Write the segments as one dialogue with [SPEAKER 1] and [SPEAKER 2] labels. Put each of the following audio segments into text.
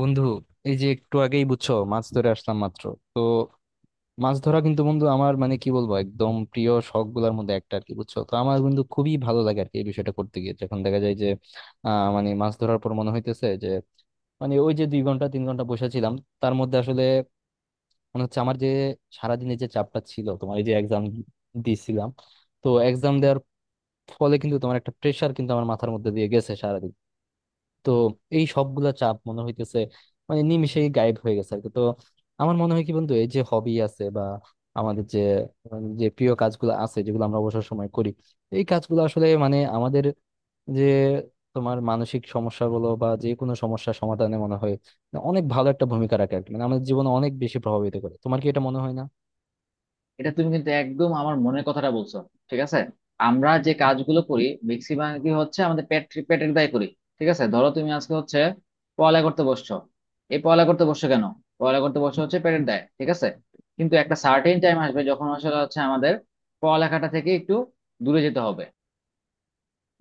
[SPEAKER 1] বন্ধু, এই যে একটু আগেই বুঝছো মাছ ধরে আসলাম মাত্র। তো মাছ ধরা কিন্তু বন্ধু আমার, মানে কি বলবো, একদম প্রিয় শখ গুলার মধ্যে একটা আর কি, বুঝছো তো আমার বন্ধু খুবই ভালো লাগে আর কি। এই বিষয়টা করতে গিয়ে যখন দেখা যায় যে মানে মাছ ধরার পর মনে হইতেছে যে, মানে ওই যে 2 ঘন্টা 3 ঘন্টা বসেছিলাম, তার মধ্যে আসলে মনে হচ্ছে আমার যে সারাদিনের যে চাপটা ছিল তোমার, এই যে এক্সাম দিয়েছিলাম, তো এক্সাম দেওয়ার ফলে কিন্তু তোমার একটা প্রেশার কিন্তু আমার মাথার মধ্যে দিয়ে গেছে সারাদিন। তো এই সবগুলা চাপ মনে হইতেছে মানে নিমিষেই গায়েব হয়ে গেছে আর কি। তো আমার মনে হয় কি বন্ধু, এই যে হবি আছে বা আমাদের যে যে প্রিয় কাজগুলো আছে যেগুলো আমরা অবসর সময় করি, এই কাজগুলো আসলে মানে আমাদের যে তোমার মানসিক সমস্যা বলো বা যে কোনো সমস্যা সমাধানে মনে হয় অনেক ভালো একটা ভূমিকা রাখে আর কি। মানে আমাদের জীবনে অনেক বেশি প্রভাবিত করে। তোমার কি এটা মনে হয় না?
[SPEAKER 2] এটা তুমি কিন্তু একদম আমার মনের কথাটা বলছো। ঠিক আছে, আমরা যে কাজগুলো করি ম্যাক্সিমাম কি হচ্ছে আমাদের পেটের দায় করি। ঠিক আছে, ধরো তুমি আজকে হচ্ছে পড়ালেখা করতে বসছো। এই পড়ালেখা করতে বসছো কেন? পড়ালেখা করতে বসছো হচ্ছে পেটের দায়। ঠিক আছে, কিন্তু একটা সার্টেন টাইম আসবে যখন আসলে হচ্ছে আমাদের পড়ালেখাটা থেকে একটু দূরে যেতে হবে।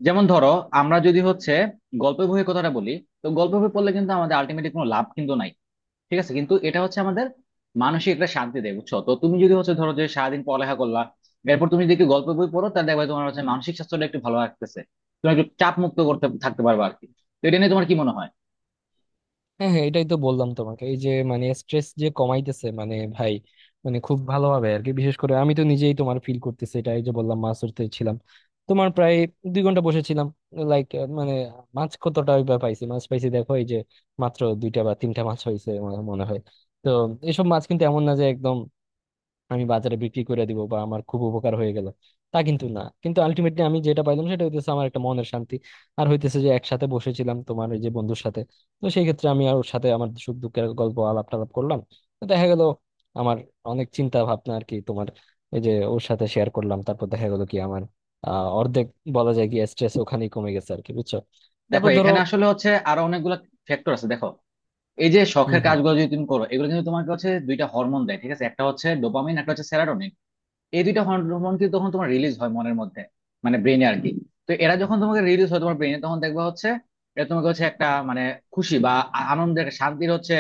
[SPEAKER 2] যেমন ধরো, আমরা যদি হচ্ছে গল্প বইয়ের কথাটা বলি, তো গল্প বই পড়লে কিন্তু আমাদের আলটিমেটলি কোনো লাভ কিন্তু নাই। ঠিক আছে, কিন্তু এটা হচ্ছে আমাদের মানসিক একটা শান্তি দেয়, বুঝছো? তো তুমি যদি হচ্ছে ধরো যে সারাদিন পড়ালেখা করলা, এরপর তুমি যদি একটু গল্প বই পড়ো, তাহলে দেখবে তোমার হচ্ছে মানসিক স্বাস্থ্যটা একটু ভালো রাখতেছে। তুমি একটু চাপ মুক্ত করতে থাকতে পারবে আর কি। তো এটা নিয়ে তোমার কি মনে হয়?
[SPEAKER 1] হ্যাঁ, হ্যাঁ, এটাই তো বললাম তোমাকে এই যে মানে স্ট্রেস যে কমাইতেছে, মানে ভাই, মানে খুব ভালোভাবে আর কি। বিশেষ করে আমি তো নিজেই তোমার ফিল করতেছি এটা, এই যে বললাম মাছ ধরতে ছিলাম তোমার প্রায় 2 ঘন্টা বসেছিলাম, লাইক মানে মাছ কতটা ওইভাবে পাইছি, মাছ পাইছি দেখো এই যে মাত্র 2টা বা 3টা মাছ হয়েছে আমার মনে হয়। তো এসব মাছ কিন্তু এমন না যে একদম আমি বাজারে বিক্রি করে দিব বা আমার খুব উপকার হয়ে গেল, তা কিন্তু না। কিন্তু আলটিমেটলি আমি যেটা পাইলাম সেটা হইতেছে আমার একটা মনের শান্তি, আর হইতেছে যে একসাথে বসেছিলাম তোমার এই যে বন্ধুর সাথে। তো সেই ক্ষেত্রে আমি আর ওর সাথে আমার সুখ দুঃখের গল্প আলাপ টালাপ করলাম, তো দেখা গেল আমার অনেক চিন্তা ভাবনা আর কি তোমার, এই যে ওর সাথে শেয়ার করলাম, তারপর দেখা গেল কি আমার অর্ধেক বলা যায় কি স্ট্রেস ওখানেই কমে গেছে আর কি বুঝছো।
[SPEAKER 2] দেখো,
[SPEAKER 1] তারপর ধরো
[SPEAKER 2] এখানে আসলে হচ্ছে আরো অনেকগুলো ফ্যাক্টর আছে। দেখো, এই যে
[SPEAKER 1] হম,
[SPEAKER 2] শখের
[SPEAKER 1] হম।
[SPEAKER 2] কাজগুলো যদি তুমি করো, এগুলো কিন্তু তোমাকে হচ্ছে দুইটা হরমোন দেয়। ঠিক আছে, একটা হচ্ছে ডোপামিন, একটা হচ্ছে সেরাটোনিন। এই দুইটা হরমোন কিন্তু তখন তোমার রিলিজ হয় মনের মধ্যে, মানে ব্রেনে আর কি। তো এরা যখন তোমাকে রিলিজ হয় তোমার ব্রেনে, তখন দেখবা হচ্ছে এটা তোমাকে হচ্ছে একটা মানে খুশি বা আনন্দের একটা শান্তির হচ্ছে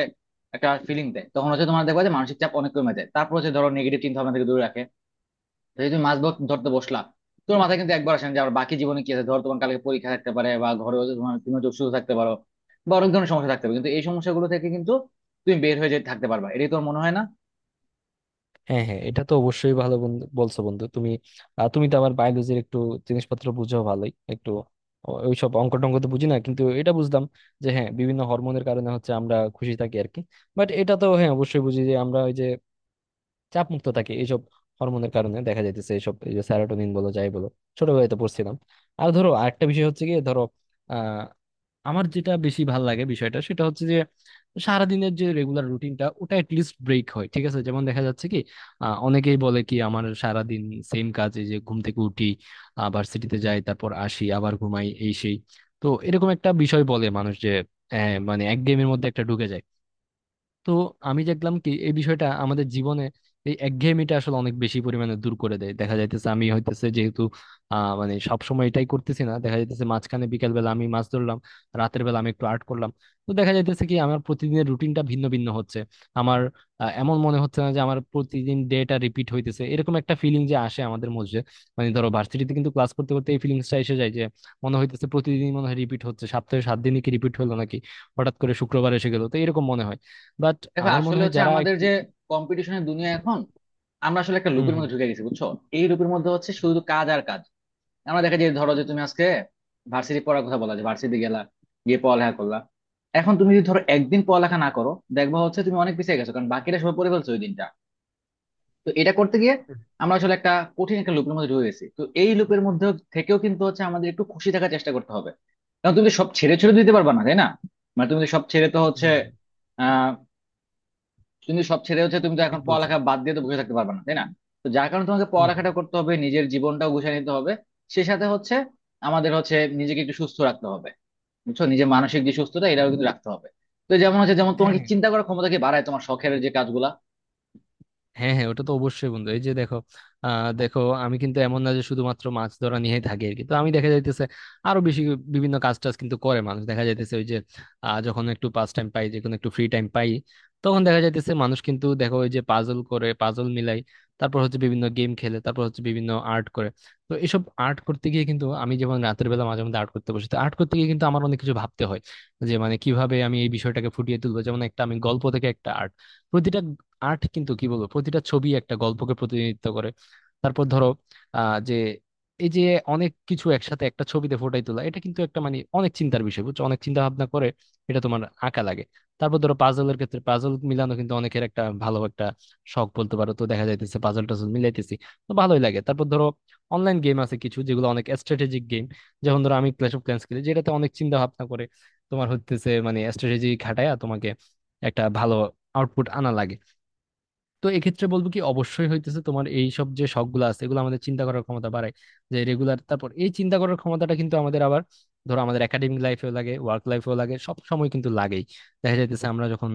[SPEAKER 2] একটা ফিলিং দেয়। তখন হচ্ছে তোমার দেখবা যে মানসিক চাপ অনেক কমে যায়, তারপর হচ্ছে ধরো নেগেটিভ চিন্তা ভাবনা থেকে দূরে রাখে। তো যদি তুমি মাছ ধরতে বসলা, তোমার মাথায় কিন্তু একবার আসে না যে আমার বাকি জীবনে কি আছে। ধরো তোমার কালকে পরীক্ষা থাকতে পারে বা ঘরে হচ্ছে তোমার তুমি হচ্ছে অসুস্থ থাকতে পারো বা অনেক ধরনের সমস্যা থাকতে পারে, কিন্তু এই সমস্যাগুলো থেকে কিন্তু তুমি বের হয়ে যেতে থাকতে পারবা। এটাই তোমার মনে হয় না?
[SPEAKER 1] হ্যাঁ, হ্যাঁ, এটা তো অবশ্যই, ভালো বন্ধু বলছো বন্ধু তুমি। তুমি তো আমার বায়োলজির একটু জিনিসপত্র বুঝো ভালোই একটু। ওইসব অঙ্ক টঙ্ক তো বুঝি না, কিন্তু এটা বুঝলাম যে হ্যাঁ, বিভিন্ন হরমোনের কারণে হচ্ছে আমরা খুশি থাকি আর কি। বাট এটা তো হ্যাঁ অবশ্যই বুঝি যে আমরা ওই যে চাপ মুক্ত থাকি এইসব হরমোনের কারণে, দেখা যাইতেছে এইসব এই যে স্যারাটোনিন বলো যাই বলো, ছোটবেলায় তো পড়ছিলাম। আর ধরো আরেকটা বিষয় হচ্ছে কি, ধরো আমার যেটা বেশি ভাল লাগে বিষয়টা সেটা হচ্ছে যে সারাদিনের যে রেগুলার রুটিনটা ওটা লিস্ট ব্রেক হয়, ঠিক আছে? যেমন দেখা যাচ্ছে কি অনেকেই বলে কি আমার সারাদিন সেম কাজে, যে ঘুম থেকে উঠি, ভার্সিটিতে যাই, তারপর আসি, আবার ঘুমাই, এই সেই। তো এরকম একটা বিষয় বলে মানুষ যে মানে এক গেমের মধ্যে একটা ঢুকে যায়। তো আমি দেখলাম কি এই বিষয়টা আমাদের জীবনে এই একঘেয়েমিটা আসলে অনেক বেশি পরিমাণে দূর করে দেয়। দেখা যাইতেছে আমি হইতেছে যেহেতু মানে সবসময় এটাই করতেছি না, দেখা যাইতেছে মাঝখানে বিকেল বেলা আমি মাছ ধরলাম, রাতের বেলা আমি একটু আর্ট করলাম। তো দেখা যাইতেছে কি আমার প্রতিদিনের রুটিনটা ভিন্ন ভিন্ন হচ্ছে। আমার এমন মনে হচ্ছে না যে আমার প্রতিদিন ডেটা রিপিট হইতেছে, এরকম একটা ফিলিং যে আসে আমাদের মধ্যে, মানে ধরো ভার্সিটিতে কিন্তু ক্লাস করতে করতে এই ফিলিংসটা এসে যায় যে মনে হইতেছে প্রতিদিন মনে হয় রিপিট হচ্ছে, সপ্তাহে 7 দিনই কি রিপিট হলো নাকি, হঠাৎ করে শুক্রবার এসে গেলো, তো এরকম মনে হয়। বাট
[SPEAKER 2] দেখো
[SPEAKER 1] আমার মনে
[SPEAKER 2] আসলে
[SPEAKER 1] হয়
[SPEAKER 2] হচ্ছে
[SPEAKER 1] যারা
[SPEAKER 2] আমাদের
[SPEAKER 1] একটু
[SPEAKER 2] যে কম্পিটিশনের দুনিয়া এখন, আমরা আসলে একটা
[SPEAKER 1] হুম,
[SPEAKER 2] লুপের
[SPEAKER 1] হুম।
[SPEAKER 2] মধ্যে ঢুকে গেছি, বুঝছো? এই লুপের মধ্যে হচ্ছে শুধু কাজ আর কাজ। আমরা দেখা যায় ধরো যে তুমি আজকে ভার্সিটি পড়ার কথা বলা, যে ভার্সিটি গেলা, গিয়ে পড়ালেখা করলা। এখন তুমি যদি ধরো একদিন পড়ালেখা না করো, দেখবা হচ্ছে তুমি অনেক পিছিয়ে গেছো, কারণ বাকিরা সবাই পড়ে ফেলছো ওই দিনটা। তো এটা করতে গিয়ে
[SPEAKER 1] হুম,
[SPEAKER 2] আমরা আসলে একটা কঠিন একটা লুপের মধ্যে ঢুকে গেছি। তো এই লুপের মধ্যে থেকেও কিন্তু হচ্ছে আমাদের একটু খুশি থাকার চেষ্টা করতে হবে, কারণ তুমি তো সব ছেড়ে ছেড়ে দিতে পারবা না, তাই না? মানে তুমি তো সব ছেড়ে তো
[SPEAKER 1] হুম।
[SPEAKER 2] হচ্ছে,
[SPEAKER 1] হুম, হুম,
[SPEAKER 2] কিন্তু সব ছেড়ে হচ্ছে তুমি তো
[SPEAKER 1] হুম।
[SPEAKER 2] এখন
[SPEAKER 1] ঠিক বলছো।
[SPEAKER 2] পড়ালেখা বাদ দিয়ে তো বসে থাকতে পারবে না, তাই না? তো যার কারণে তোমাকে
[SPEAKER 1] হুম, হুম।
[SPEAKER 2] পড়ালেখাটা করতে হবে, নিজের জীবনটাও গুছিয়ে নিতে হবে। সে সাথে হচ্ছে আমাদের হচ্ছে নিজেকে একটু সুস্থ রাখতে হবে। বুঝছো, নিজের মানসিক যে সুস্থতা, এটাও কিন্তু রাখতে হবে। তো যেমন হচ্ছে, যেমন তোমার
[SPEAKER 1] হ্যাঁ,
[SPEAKER 2] কি চিন্তা করার ক্ষমতাকে বাড়ায় তোমার শখের যে কাজগুলা।
[SPEAKER 1] হ্যাঁ, হ্যাঁ, ওটা তো অবশ্যই বন্ধু, এই যে দেখো আহ দেখো আমি কিন্তু এমন না যে শুধুমাত্র মাছ ধরা নিয়েই থাকি আর কি। তো আমি দেখা যাইতেছে আরো বেশি বিভিন্ন কাজ টাজ কিন্তু করে মানুষ, দেখা যাইতেছে ওই যে যখন একটু পাস টাইম পাই, যখন একটু ফ্রি টাইম পাই, তখন দেখা যাইতেছে মানুষ কিন্তু দেখো ওই যে পাজল করে, পাজল মিলাই, তারপর হচ্ছে বিভিন্ন গেম খেলে, তারপর হচ্ছে বিভিন্ন আর্ট করে। তো এসব আর্ট করতে গিয়ে কিন্তু আমি, যেমন রাতের বেলা মাঝে মধ্যে আর্ট করতে বসি, তো আর্ট করতে গিয়ে কিন্তু আমার অনেক কিছু ভাবতে হয় যে মানে কিভাবে আমি এই বিষয়টাকে ফুটিয়ে তুলবো, যেমন একটা আমি গল্প থেকে একটা আর্ট, প্রতিটা আর্ট কিন্তু কি বলবো প্রতিটা ছবি একটা গল্পকে প্রতিনিধিত্ব করে। তারপর ধরো যে এই যে অনেক কিছু একসাথে একটা ছবিতে ফোটাই তোলা, এটা কিন্তু একটা মানে অনেক চিন্তার বিষয় বুঝছো, অনেক চিন্তা ভাবনা করে এটা তোমার আঁকা লাগে। তারপর ধরো পাজলের ক্ষেত্রে পাজল মিলানো কিন্তু অনেকের একটা ভালো একটা শখ বলতে পারো। তো দেখা যাইতেছে পাজল টাজল মিলাইতেছি, তো ভালোই লাগে। তারপর ধরো অনলাইন গেম আছে কিছু যেগুলো অনেক স্ট্র্যাটেজিক গেম, যেমন ধরো আমি ক্ল্যাশ অফ ক্ল্যান্স খেলি, যেটাতে অনেক চিন্তা ভাবনা করে তোমার হচ্ছে মানে স্ট্র্যাটেজি খাটায়া তোমাকে একটা ভালো আউটপুট আনা লাগে। তো এক্ষেত্রে বলবো কি অবশ্যই হইতেছে তোমার এই সব যে শখ গুলো আছে এগুলো আমাদের চিন্তা করার ক্ষমতা বাড়ায় যে রেগুলার। তারপর এই চিন্তা করার ক্ষমতাটা কিন্তু আমাদের আবার, ধরো আমাদের একাডেমিক লাইফেও লাগে, ওয়ার্ক লাইফেও লাগে, সব সময় কিন্তু লাগেই। দেখা যাইতেছে আমরা যখন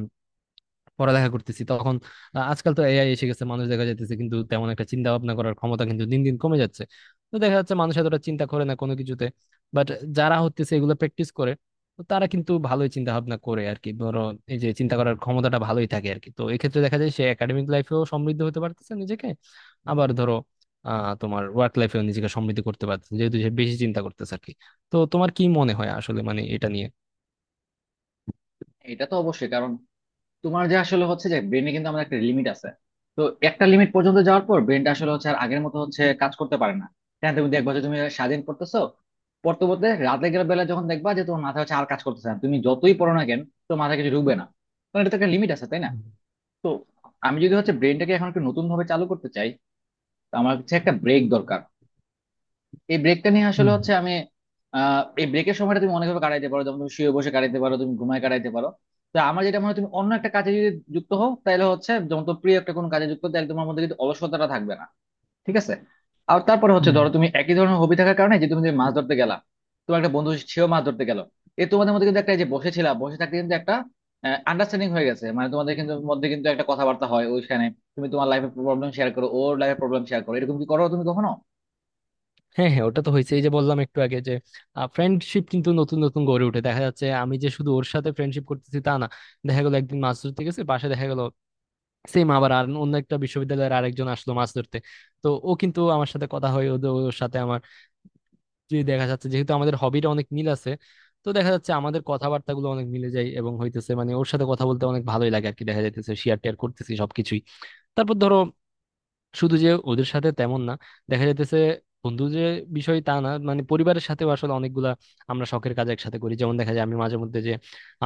[SPEAKER 1] পড়ালেখা করতেছি তখন আজকাল তো এআই এসে গেছে, মানুষ দেখা যাইতেছে কিন্তু তেমন একটা চিন্তা ভাবনা করার ক্ষমতা কিন্তু দিন দিন কমে যাচ্ছে। তো দেখা যাচ্ছে মানুষ এতটা চিন্তা করে না কোনো কিছুতে। বাট যারা হচ্ছে এগুলো প্র্যাকটিস করে, তো তারা কিন্তু ভালোই চিন্তা ভাবনা করে আর কি। ধরো এই যে চিন্তা করার ক্ষমতাটা ভালোই থাকে আর কি, তো এক্ষেত্রে দেখা যায় সে একাডেমিক লাইফেও সমৃদ্ধ হতে পারতেছে নিজেকে। আবার ধরো তোমার ওয়ার্ক লাইফেও নিজেকে সমৃদ্ধ করতে পারতেছে, যেহেতু সে বেশি চিন্তা করতেছে আর কি। তো তোমার কি মনে হয় আসলে মানে এটা নিয়ে?
[SPEAKER 2] এটা তো অবশ্যই, কারণ তোমার যে আসলে হচ্ছে যে ব্রেনে কিন্তু আমাদের একটা লিমিট আছে। তো একটা লিমিট পর্যন্ত যাওয়ার পর ব্রেনটা আসলে হচ্ছে আর আগের মতো হচ্ছে কাজ করতে পারে না। হ্যাঁ, তুমি দেখবা যে তুমি স্বাধীন করতেছো, পড়তে পড়তে রাতে গেলে বেলা যখন দেখবা যে তোমার মাথা হচ্ছে আর কাজ করতেছে না, তুমি যতই পড়ো না কেন, তো মাথা কিছু ঢুকবে না। কারণ এটা তো একটা লিমিট আছে, তাই না?
[SPEAKER 1] হুম,
[SPEAKER 2] তো আমি যদি হচ্ছে ব্রেনটাকে এখন একটু নতুন ভাবে চালু করতে চাই, তো আমার হচ্ছে একটা ব্রেক দরকার। এই ব্রেকটা নিয়ে আসলে
[SPEAKER 1] হুম।
[SPEAKER 2] হচ্ছে আমি এই ব্রেকের সময়টা তুমি অনেকভাবে কাটাইতে পারো, যেমন তুমি শুয়ে বসে কাটাইতে পারো, তুমি ঘুমায় কাটাইতে পারো। তো আমার যেটা মনে হয়, তুমি অন্য একটা কাজে যদি যুক্ত হও তাহলে হচ্ছে, যেমন তোমার প্রিয় একটা কোনো কাজে যুক্ত হতে একদম আমার মধ্যে কিন্তু অলসতাটা থাকবে না। ঠিক আছে, আর তারপরে হচ্ছে
[SPEAKER 1] হুম।
[SPEAKER 2] ধরো তুমি একই ধরনের হবি থাকার কারণে যে তুমি যে মাছ ধরতে গেলা, তোমার একটা বন্ধু সেও মাছ ধরতে গেল। এ তোমাদের মধ্যে কিন্তু একটা, এই যে বসেছিলা বসে থাকতে কিন্তু একটা আন্ডারস্ট্যান্ডিং হয়ে গেছে, মানে তোমাদের কিন্তু মধ্যে কিন্তু একটা কথাবার্তা হয় ওইখানে। তুমি তোমার লাইফের প্রবলেম শেয়ার করো, ওর লাইফের প্রবলেম শেয়ার করো, এরকম কি করো তুমি কখনো?
[SPEAKER 1] হ্যাঁ, হ্যাঁ, ওটা তো হয়েছে, এই যে বললাম একটু আগে যে ফ্রেন্ডশিপ কিন্তু নতুন নতুন গড়ে উঠে। দেখা যাচ্ছে আমি যে শুধু ওর সাথে ফ্রেন্ডশিপ করতেছি তা না, দেখা গেলো একদিন মাছ ধরতে গেছে পাশে দেখা গেল সেম আবার আর অন্য একটা বিশ্ববিদ্যালয়ের আরেকজন আসলো মাছ ধরতে। তো ও কিন্তু আমার সাথে কথা হয় ওর সাথে আমার, যে দেখা যাচ্ছে যেহেতু আমাদের হবিটা অনেক মিল আছে, তো দেখা যাচ্ছে আমাদের কথাবার্তাগুলো অনেক মিলে যায় এবং হইতেছে মানে ওর সাথে কথা বলতে অনেক ভালোই লাগে আর কি। দেখা যাইতেছে শেয়ার টেয়ার করতেছি সবকিছুই। তারপর ধরো শুধু যে ওদের সাথে তেমন না, দেখা যাইতেছে বন্ধু যে বিষয় তা না, মানে পরিবারের সাথেও আসলে অনেকগুলা আমরা শখের কাজ একসাথে করি, যেমন দেখা যায় আমি মাঝে মধ্যে যে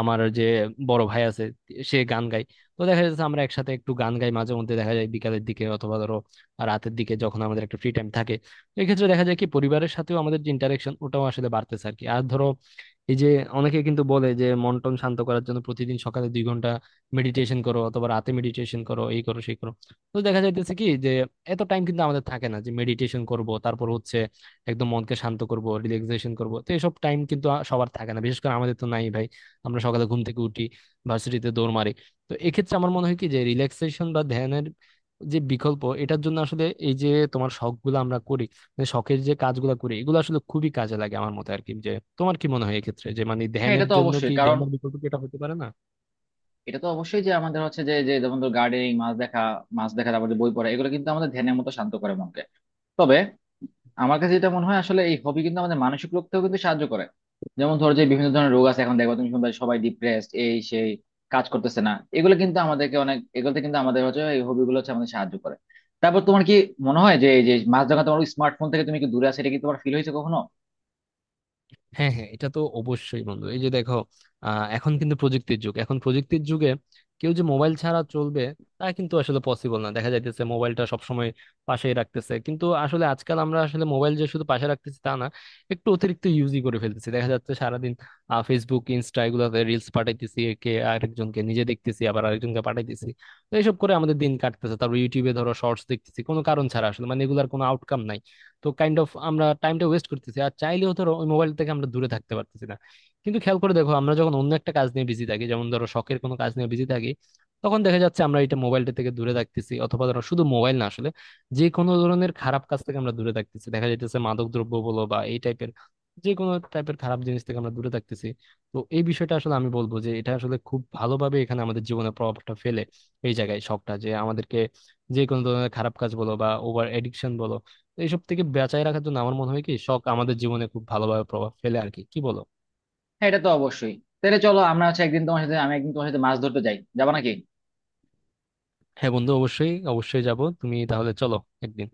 [SPEAKER 1] আমার যে বড় ভাই আছে সে গান গায়, তো দেখা যাচ্ছে আমরা একসাথে একটু গান গাই মাঝে মধ্যে, দেখা যায় বিকালের দিকে অথবা ধরো রাতের দিকে যখন আমাদের একটা ফ্রি টাইম থাকে। এক্ষেত্রে দেখা যায় কি পরিবারের সাথেও আমাদের যে ইন্টারেকশন ওটাও আসলে বাড়তেছে আর কি। আর ধরো এই যে অনেকে কিন্তু বলে যে মন টন শান্ত করার জন্য প্রতিদিন সকালে 2 ঘন্টা মেডিটেশন করো, অথবা রাতে মেডিটেশন করো, এই করো সেই করো। তো দেখা যাইতেছে কি যে এত টাইম কিন্তু আমাদের থাকে না যে মেডিটেশন করব, তারপর হচ্ছে একদম মনকে শান্ত করব, রিল্যাক্সেশন করব, তো এসব টাইম কিন্তু সবার থাকে না, বিশেষ করে আমাদের তো নাই ভাই। আমরা সকালে ঘুম থেকে উঠি, ভার্সিটিতে দৌড় মারি। তো এক্ষেত্রে আমার মনে হয় কি যে রিল্যাক্সেশন বা ধ্যানের যে বিকল্প, এটার জন্য আসলে এই যে তোমার শখ গুলো আমরা করি, মানে শখের যে কাজগুলো করি, এগুলো আসলে খুবই কাজে লাগে আমার মতে আর কি। যে তোমার কি মনে হয় এক্ষেত্রে, যে মানে
[SPEAKER 2] হ্যাঁ, এটা
[SPEAKER 1] ধ্যানের
[SPEAKER 2] তো
[SPEAKER 1] জন্য
[SPEAKER 2] অবশ্যই
[SPEAKER 1] কি,
[SPEAKER 2] কারণ
[SPEAKER 1] ধ্যানের বিকল্প কি এটা হতে পারে না?
[SPEAKER 2] এটা তো অবশ্যই যে আমাদের হচ্ছে যে যে যেমন ধর গার্ডেনিং, মাছ দেখা, তারপর যে বই পড়া, এগুলো কিন্তু আমাদের ধ্যানের মতো শান্ত করে মনকে। তবে আমার কাছে যেটা মনে হয় আসলে এই হবি কিন্তু আমাদের মানসিক রোগতেও কিন্তু সাহায্য করে। যেমন ধরো যে বিভিন্ন ধরনের রোগ আছে এখন, দেখো তুমি শুনবে সবাই ডিপ্রেসড, এই সেই কাজ করতেছে না। এগুলো কিন্তু আমাদেরকে অনেক, এগুলোতে কিন্তু আমাদের হচ্ছে এই হবি গুলো হচ্ছে আমাদের সাহায্য করে। তারপর তোমার কি মনে হয় যে এই যে মাছ দেখা, তোমার স্মার্টফোন থেকে তুমি কি দূরে আছে, এটা কি তোমার ফিল হয়েছে কখনো?
[SPEAKER 1] হ্যাঁ, হ্যাঁ, এটা তো অবশ্যই বন্ধু, এই যে দেখো এখন কিন্তু প্রযুক্তির যুগ, এখন প্রযুক্তির যুগে কেউ যে মোবাইল ছাড়া চলবে তা কিন্তু আসলে পসিবল না। দেখা যাইতেছে মোবাইলটা সবসময় পাশেই রাখতেছে, কিন্তু আসলে আজকাল আমরা আসলে মোবাইল যে শুধু পাশে রাখতেছি তা না, একটু অতিরিক্ত ইউজই করে ফেলতেছি। দেখা যাচ্ছে সারাদিন ফেসবুক, ইনস্টা, এগুলোতে রিলস পাঠাইতেছি একে আরেকজনকে, নিজে দেখতেছি আবার আরেকজনকে পাঠাইতেছি। তো এইসব করে আমাদের দিন কাটতেছে। তারপর ইউটিউবে ধরো শর্টস দেখতেছি কোনো কারণ ছাড়া, আসলে মানে এগুলার কোনো আউটকাম নাই। তো কাইন্ড অফ আমরা টাইমটা ওয়েস্ট করতেছি, আর চাইলেও ধরো ওই মোবাইল থেকে আমরা দূরে থাকতে পারতেছি না। কিন্তু খেয়াল করে দেখো আমরা যখন অন্য একটা কাজ নিয়ে বিজি থাকি, যেমন ধরো শখের কোনো কাজ নিয়ে বিজি থাকি, তখন দেখা যাচ্ছে আমরা এটা মোবাইলটা থেকে দূরে থাকতেছি। অথবা ধরো শুধু মোবাইল না আসলে, যে কোনো ধরনের খারাপ কাজ থেকে আমরা দূরে থাকতেছি, দেখা যাইতেছে মাদক দ্রব্য বলো বা এই টাইপের যে কোনো টাইপের খারাপ জিনিস থেকে আমরা দূরে থাকতেছি। তো এই বিষয়টা আসলে আমি বলবো যে এটা আসলে খুব ভালোভাবে এখানে আমাদের জীবনে প্রভাবটা ফেলে। এই জায়গায় শখটা যে আমাদেরকে যে কোনো ধরনের খারাপ কাজ বলো বা ওভার এডিকশন বলো, তো এইসব থেকে বাঁচায় রাখার জন্য আমার মনে হয় কি শখ আমাদের জীবনে খুব ভালোভাবে প্রভাব ফেলে আর কি, কি বলো?
[SPEAKER 2] হ্যাঁ, এটা তো অবশ্যই। তাহলে চলো আমরা হচ্ছে একদিন তোমার সাথে, আমি একদিন তোমার সাথে মাছ ধরতে যাই, যাবা নাকি?
[SPEAKER 1] হ্যাঁ বন্ধু, অবশ্যই, অবশ্যই যাব, তুমি তাহলে চলো একদিন।